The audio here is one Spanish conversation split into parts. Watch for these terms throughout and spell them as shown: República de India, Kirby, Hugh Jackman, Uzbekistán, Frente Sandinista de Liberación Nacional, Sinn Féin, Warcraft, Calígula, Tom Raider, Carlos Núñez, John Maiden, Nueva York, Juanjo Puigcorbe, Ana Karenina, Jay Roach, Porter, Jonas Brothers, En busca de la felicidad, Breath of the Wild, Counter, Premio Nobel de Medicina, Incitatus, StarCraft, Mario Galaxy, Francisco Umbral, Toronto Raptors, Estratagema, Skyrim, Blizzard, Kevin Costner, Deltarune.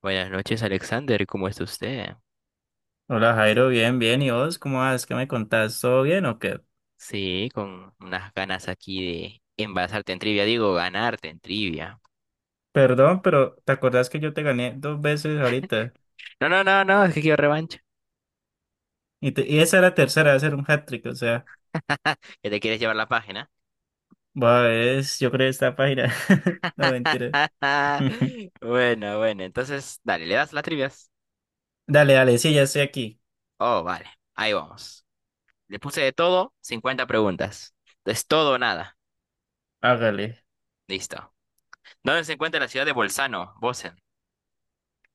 Buenas noches, Alexander. ¿Cómo está usted? Hola Jairo, bien, bien. ¿Y vos cómo vas? ¿Qué me contás? ¿Todo bien o qué? Sí, con unas ganas aquí de envasarte en trivia. Digo, ganarte en trivia. Perdón, pero ¿te acordás que yo te gané dos veces ahorita? No, no, no, no, es que quiero revancha. Y esa era la tercera, va a ser un hat-trick, o sea, ¿Que te quieres llevar la página? va, es, yo creo esta página. No, mentira. Bueno, bueno, entonces, dale, ¿le das las trivias? Dale, dale, sí, ya estoy aquí. Oh, vale, ahí vamos. Le puse de todo, 50 preguntas. Es todo o nada. Hágale. Listo. ¿Dónde se encuentra la ciudad de Bolzano, Bosen?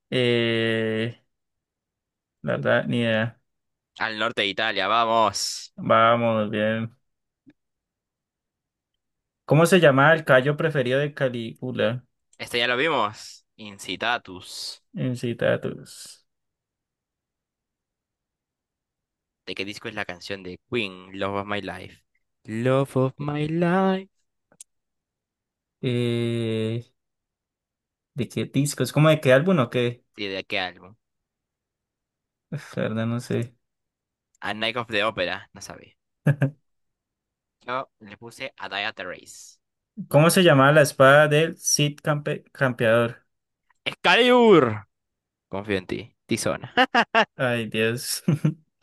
Eh, la verdad, ni idea. Al norte de Italia, vamos. Vamos, bien. ¿Cómo se llama el callo preferido de Calígula? Este ya lo vimos. Incitatus. En citatus. ¿De qué disco es la canción de Queen, Love of My Life? Love of My Life. Eh, ¿De qué disco? ¿Es como de qué álbum o qué? Sí, ¿de qué álbum? Uf, la verdad, no sé. A Night of the Opera, no sabía. Yo le puse A Day at the Race. ¿Cómo se llamaba la espada del Cid Campeador? ¡Excalibur! Confío en ti, Tizona. Ay, Dios.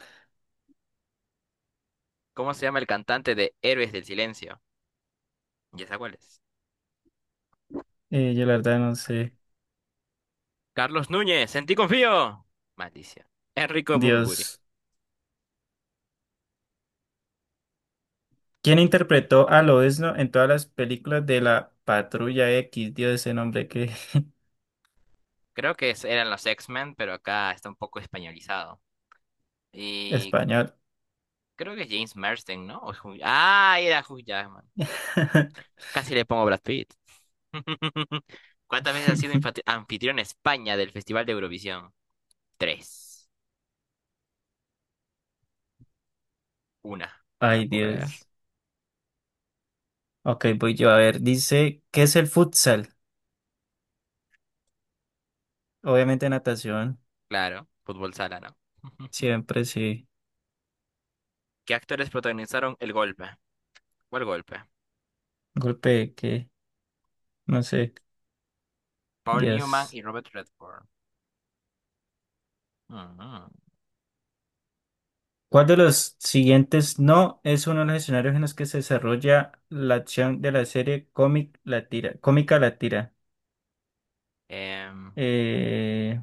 ¿Cómo se llama el cantante de Héroes del Silencio? Ya sé cuál es. Yo la verdad no sé. Carlos Núñez, en ti confío. Maldición. Enrico Bumburi. Dios. ¿Quién interpretó a Lobezno en todas las películas de la Patrulla X? Dios, ese nombre que… Creo que eran los X-Men, pero acá está un poco españolizado. Y Español. creo que es James Marsden, ¿no? O es Ah, era Hugh Jackman. Casi le pongo Brad Pitt. ¿Cuántas veces has sido anfitrión en España del Festival de Eurovisión? Tres. Una. No lo Ay, puedo creer. Dios. Ok, voy yo a ver. Dice, ¿qué es el futsal? Obviamente natación. Claro, fútbol sala, ¿no? Siempre sí. ¿Qué actores protagonizaron El Golpe? ¿Cuál golpe? Golpe que, no sé. Paul Newman Dios. y Robert Redford. Ujú. ¿Cuál de los siguientes no es uno de los escenarios en los que se desarrolla la acción de la serie cómica la tira? Em, Eh,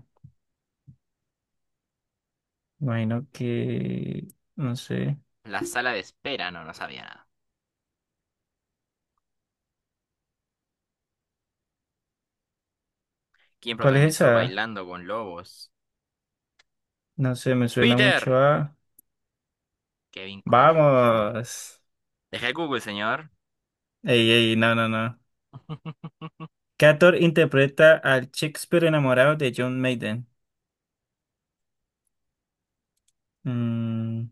Imagino que, no sé, la sala de espera, no, no sabía nada. ¿Quién ¿cuál es protagonizó esa? Bailando con Lobos? No sé, me suena Peter. mucho a… Kevin Costner. ¡Vamos! Deje Google, señor. Ey, ey, no, no, no. ¿Qué actor interpreta al Shakespeare enamorado de John Maiden? Mm,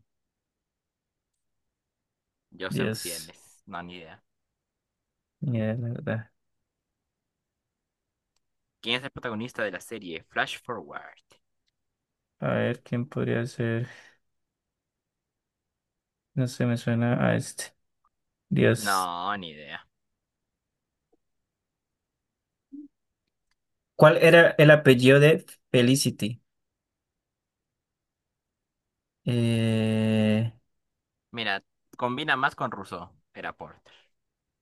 Joseph Dios, Fiennes. No, ni idea. mierda. ¿Quién es el protagonista de la serie Flash Forward? A ver, ¿quién podría ser? No sé, me suena a este. Dios. No, ni idea. ¿Cuál era el apellido de Felicity? Eh, Mira, combina más con Rousseau. Era Porter.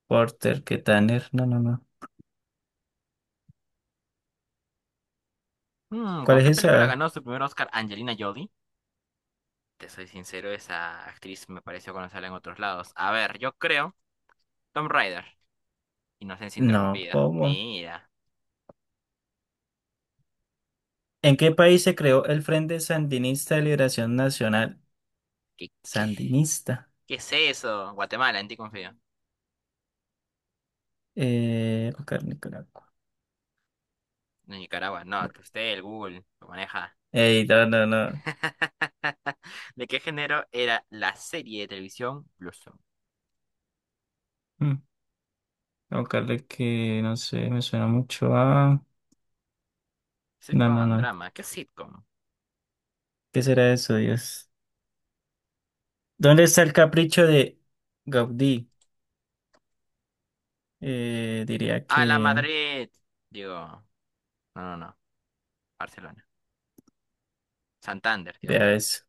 Porter, ¿qué Tanner? No, no, no. ¿Cuál ¿Con es qué película esa? ganó su primer Oscar Angelina Jolie? Te soy sincero, esa actriz me pareció conocerla en otros lados. A ver, yo creo. Tom Raider. Inocencia No, interrumpida. ¿cómo? Mira. ¿En qué país se creó el Frente Sandinista de Liberación Nacional? ¿Qué, qué, Sandinista. qué es eso? Guatemala, en ti confío. Buscar Nicaragua. No, Nicaragua, no, que usted, el Google, lo maneja. Ey, no, no, no. ¿De qué género era la serie de televisión Blueson? Mm, a buscarle que, no sé, me suena mucho a… No, Sitcom no, and no. drama. ¿Qué sitcom? ¿Qué será eso, Dios? ¿Dónde está el capricho de Gaudí? Diría A la que… Madrid. Digo, no, no, no. Barcelona. Santander, Dios Vea mío. eso.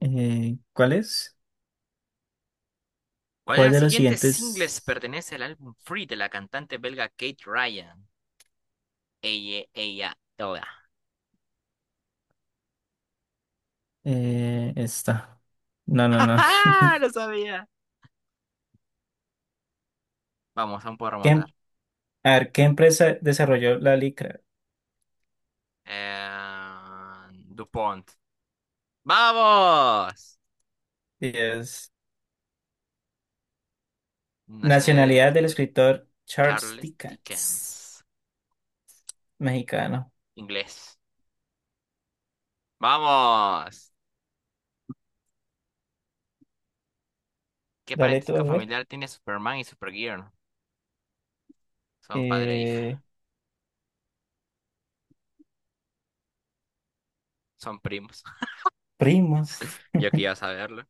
¿Cuál es? ¿Cuál de ¿Cuál los de los siguientes singles siguientes pertenece al álbum Free de la cantante belga Kate Ryan? Ella, toda. Está? No, no, ¡Ja, no. ja! Lo sabía. Vamos, aún puedo ¿Qué, em- remontar. a ver, ¿Qué empresa desarrolló la licra? Eh, DuPont. ¡Vamos! Es Nacionalidad del nacionalidad del escritor escritor Charles Charles Dickens, Dickens. mexicano. Inglés. ¡Vamos! ¿Qué Dale tú a parentesco ver. familiar tiene Superman y Supergirl? Son padre e Eh, hija. Son primos. Primos. Yo que iba a saberlo.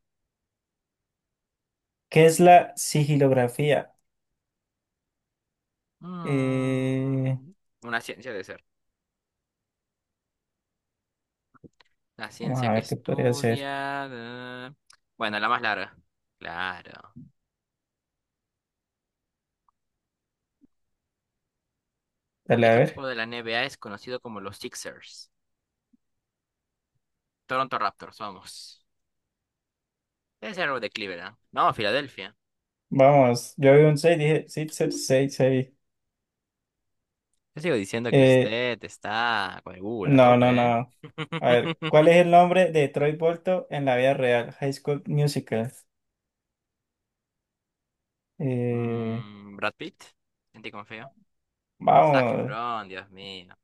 ¿Qué es la sigilografía? Eh, Mm, una ciencia de ser. La Vamos ciencia a que ver qué podría ser. estudia. Bueno, la más larga. Claro. ¿Qué Dale a ver. equipo de la NBA es conocido como los Sixers? Toronto Raptors, vamos. Debe ser algo de Cleveland. No, Filadelfia. Vamos, yo vi un 6, dije 6, 6, 6. Yo sigo diciendo que 6. usted está con el Google a No, no, tope, ¿eh? no. A ver, ¿cuál es el nombre de Troy Bolton en la vida real? High School Musical. Eh, Brad Pitt. En ti confío. Zac Vamos, Efron, Dios mío.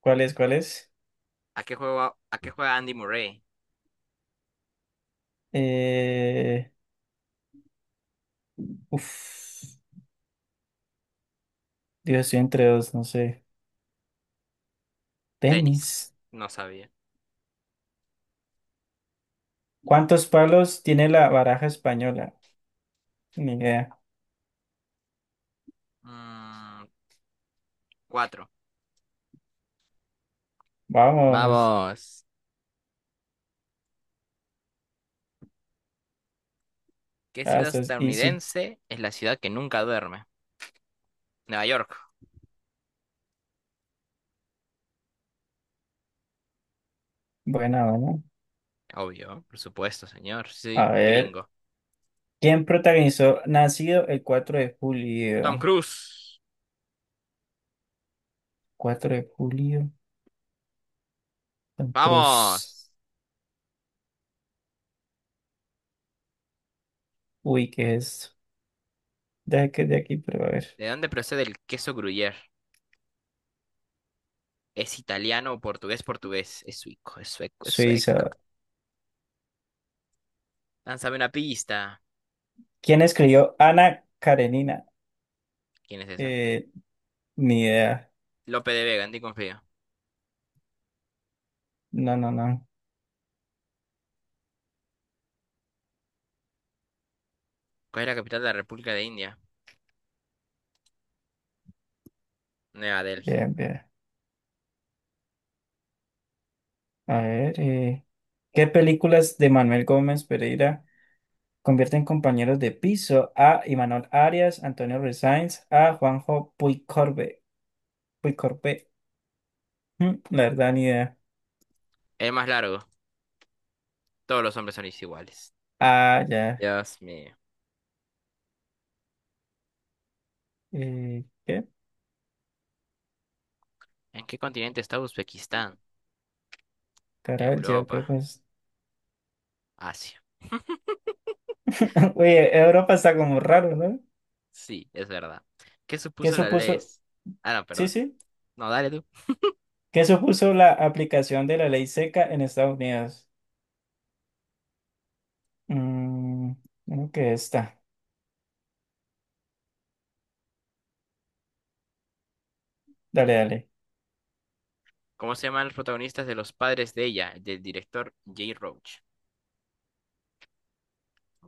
¿cuál es? ¿Cuál es? ¿A qué juega Andy Murray? Eh, uf, Dios, estoy entre dos, no sé. Tenis. Tenis. No sabía. ¿Cuántos palos tiene la baraja española? Ni idea. Mm, Cuatro. Vamos. Vamos. ¿Qué Ah, ciudad esto es easy. estadounidense es la ciudad que nunca duerme? Nueva York, Buena, buena. obvio, por supuesto, señor. Soy A ver, gringo. ¿quién protagonizó Nacido el cuatro de Tom julio? Cruise, 4 de julio, Tom Cruise. vamos. Uy, ¿qué es esto? Deja que es de aquí, pero a ver. ¿De dónde procede el queso Gruyère? ¿Es italiano, portugués, portugués? ¿Es suico, es sueco? Suiza. Lánzame una pista. ¿Quién escribió Ana Karenina? ¿Quién es esa? Eh, Ni idea. Lope de Vega, en ti confío. No, no, no. ¿Cuál es la capital de la República de India? Nueva Delhi. Bien, bien. A ver, ¿qué películas de Manuel Gómez Pereira convierten compañeros de piso a Imanol Arias, Antonio Resáenz, a Juanjo Puigcorbe? Puigcorbe. La verdad, ni idea. El más largo. Todos los hombres son iguales. Ah, ya. Dios mío. ¿Qué? ¿En qué continente está Uzbekistán? Caral, yo Europa, creo que es… Asia. Oye, Europa está como raro, ¿no? Sí, es verdad. ¿Qué ¿Qué supuso la ley? supuso? Ah, no, Sí, perdón. sí. No, dale tú. ¿Qué supuso la aplicación de la ley seca en Estados Unidos? Mm, Creo que esta. Dale, dale. ¿Cómo se llaman los protagonistas de Los padres de ella? Del director Jay Roach.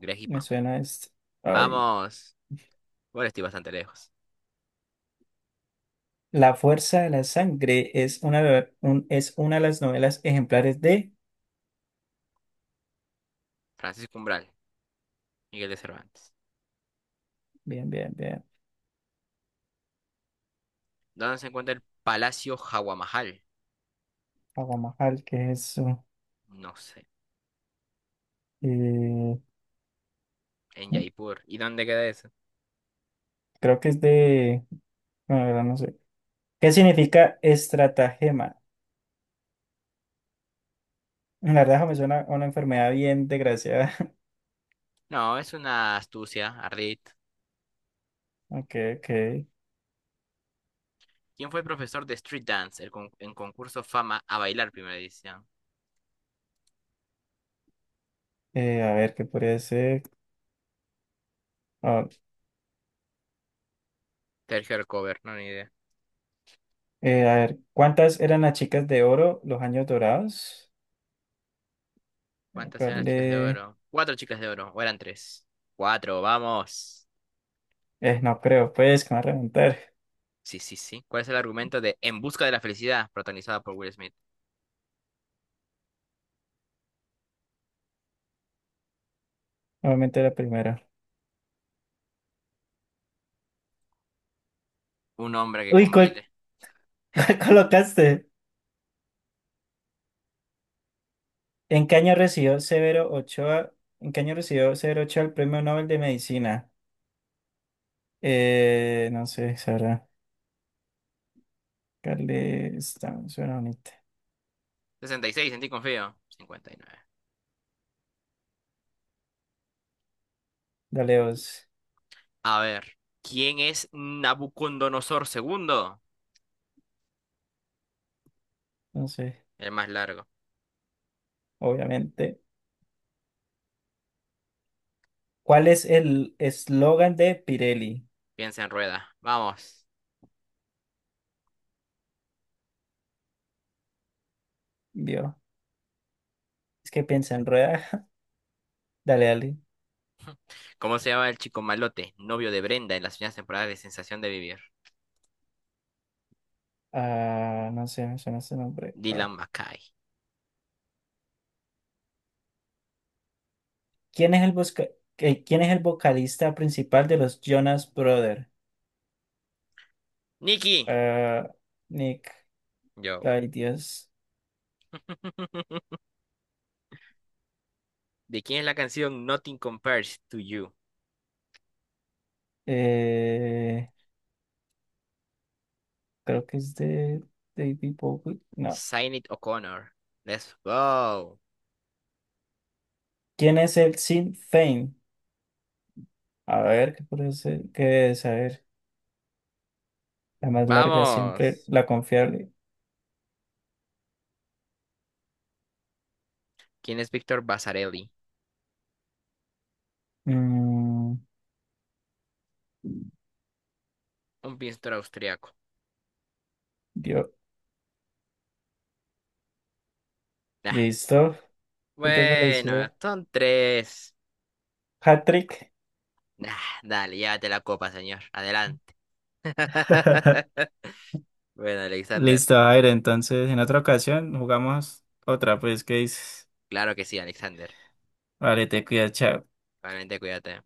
Greg y Me Pam. suena esto. Ay. Vamos. Bueno, estoy bastante lejos. La fuerza de la sangre es una de las novelas ejemplares de… Francisco Umbral. Miguel de Cervantes. Bien, bien, bien. ¿Dónde se encuentra el Palacio Hawamahal? Aguamajal, ¿qué es eso? No sé. Eh, En Jaipur. ¿Y dónde queda eso? Creo que es de… Bueno, la verdad no sé. ¿Qué significa estratagema? La verdad eso me suena a una enfermedad bien desgraciada. No, es una astucia, ardid. Ok, ok. ¿Quién fue el profesor de Street Dance en concurso Fama a bailar primera edición? A ver, ¿qué podría ser? Ah. Sergio Alcover, no ni idea. A ver, ¿cuántas eran las chicas de oro, los años dorados? Eh, ¿Cuántas eran ¿Cuál las chicas de le- oro? Cuatro chicas de oro, o eran tres. Cuatro, vamos. No creo, pues, que me va a reventar. Sí, sí, sí. ¿Cuál es el argumento de En busca de la felicidad, protagonizada por Will Smith? Obviamente la primera. Un hombre que Uy, ¿cuál, compite. cuál colocaste? ¿En qué año recibió Severo Ochoa? ¿En qué año recibió Severo Ochoa el Premio Nobel de Medicina? No sé, Sara. Carle, está, suena bonita. 66. En ti confío. 59. Dale dos. A ver, ¿quién es Nabucodonosor segundo? No sé, El más largo. obviamente. ¿Cuál es el eslogan de Pirelli? Piensa en rueda. Vamos. Vio, es que piensa en rueda. Dale, dale. ¿Cómo se llama el chico malote, novio de Brenda en las primeras temporadas de Sensación de Vivir? Ah, no sé, me suena ese nombre. Dylan Ah. McKay. ¿Quién es el busca- ¿Quién es el vocalista principal de los Jonas Brothers? Nicky. Ah, Nick, Yo. ay Dios. ¿De quién es la canción Nothing Compares to You? Eh, Creo que es de David Bowie. No. Sinead O'Connor. Let's go. ¿Quién es el Sinn Féin? A ver, ¿qué puede ser? ¿Qué es? A ver, la más larga siempre, Vamos. la confiable. ¿Quién es Víctor Basarelli? Mm, Un pintor austriaco. yo, Nah. listo. ¿Qué te Bueno, pareció? son tres. Hat-trick. Nah, dale, llévate la copa, señor. Adelante. Bueno, Alexander. Listo, Jair. Entonces, en otra ocasión jugamos otra, pues, ¿qué dices? Claro que sí, Alexander. Vale, te cuidas, chao. Realmente cuídate.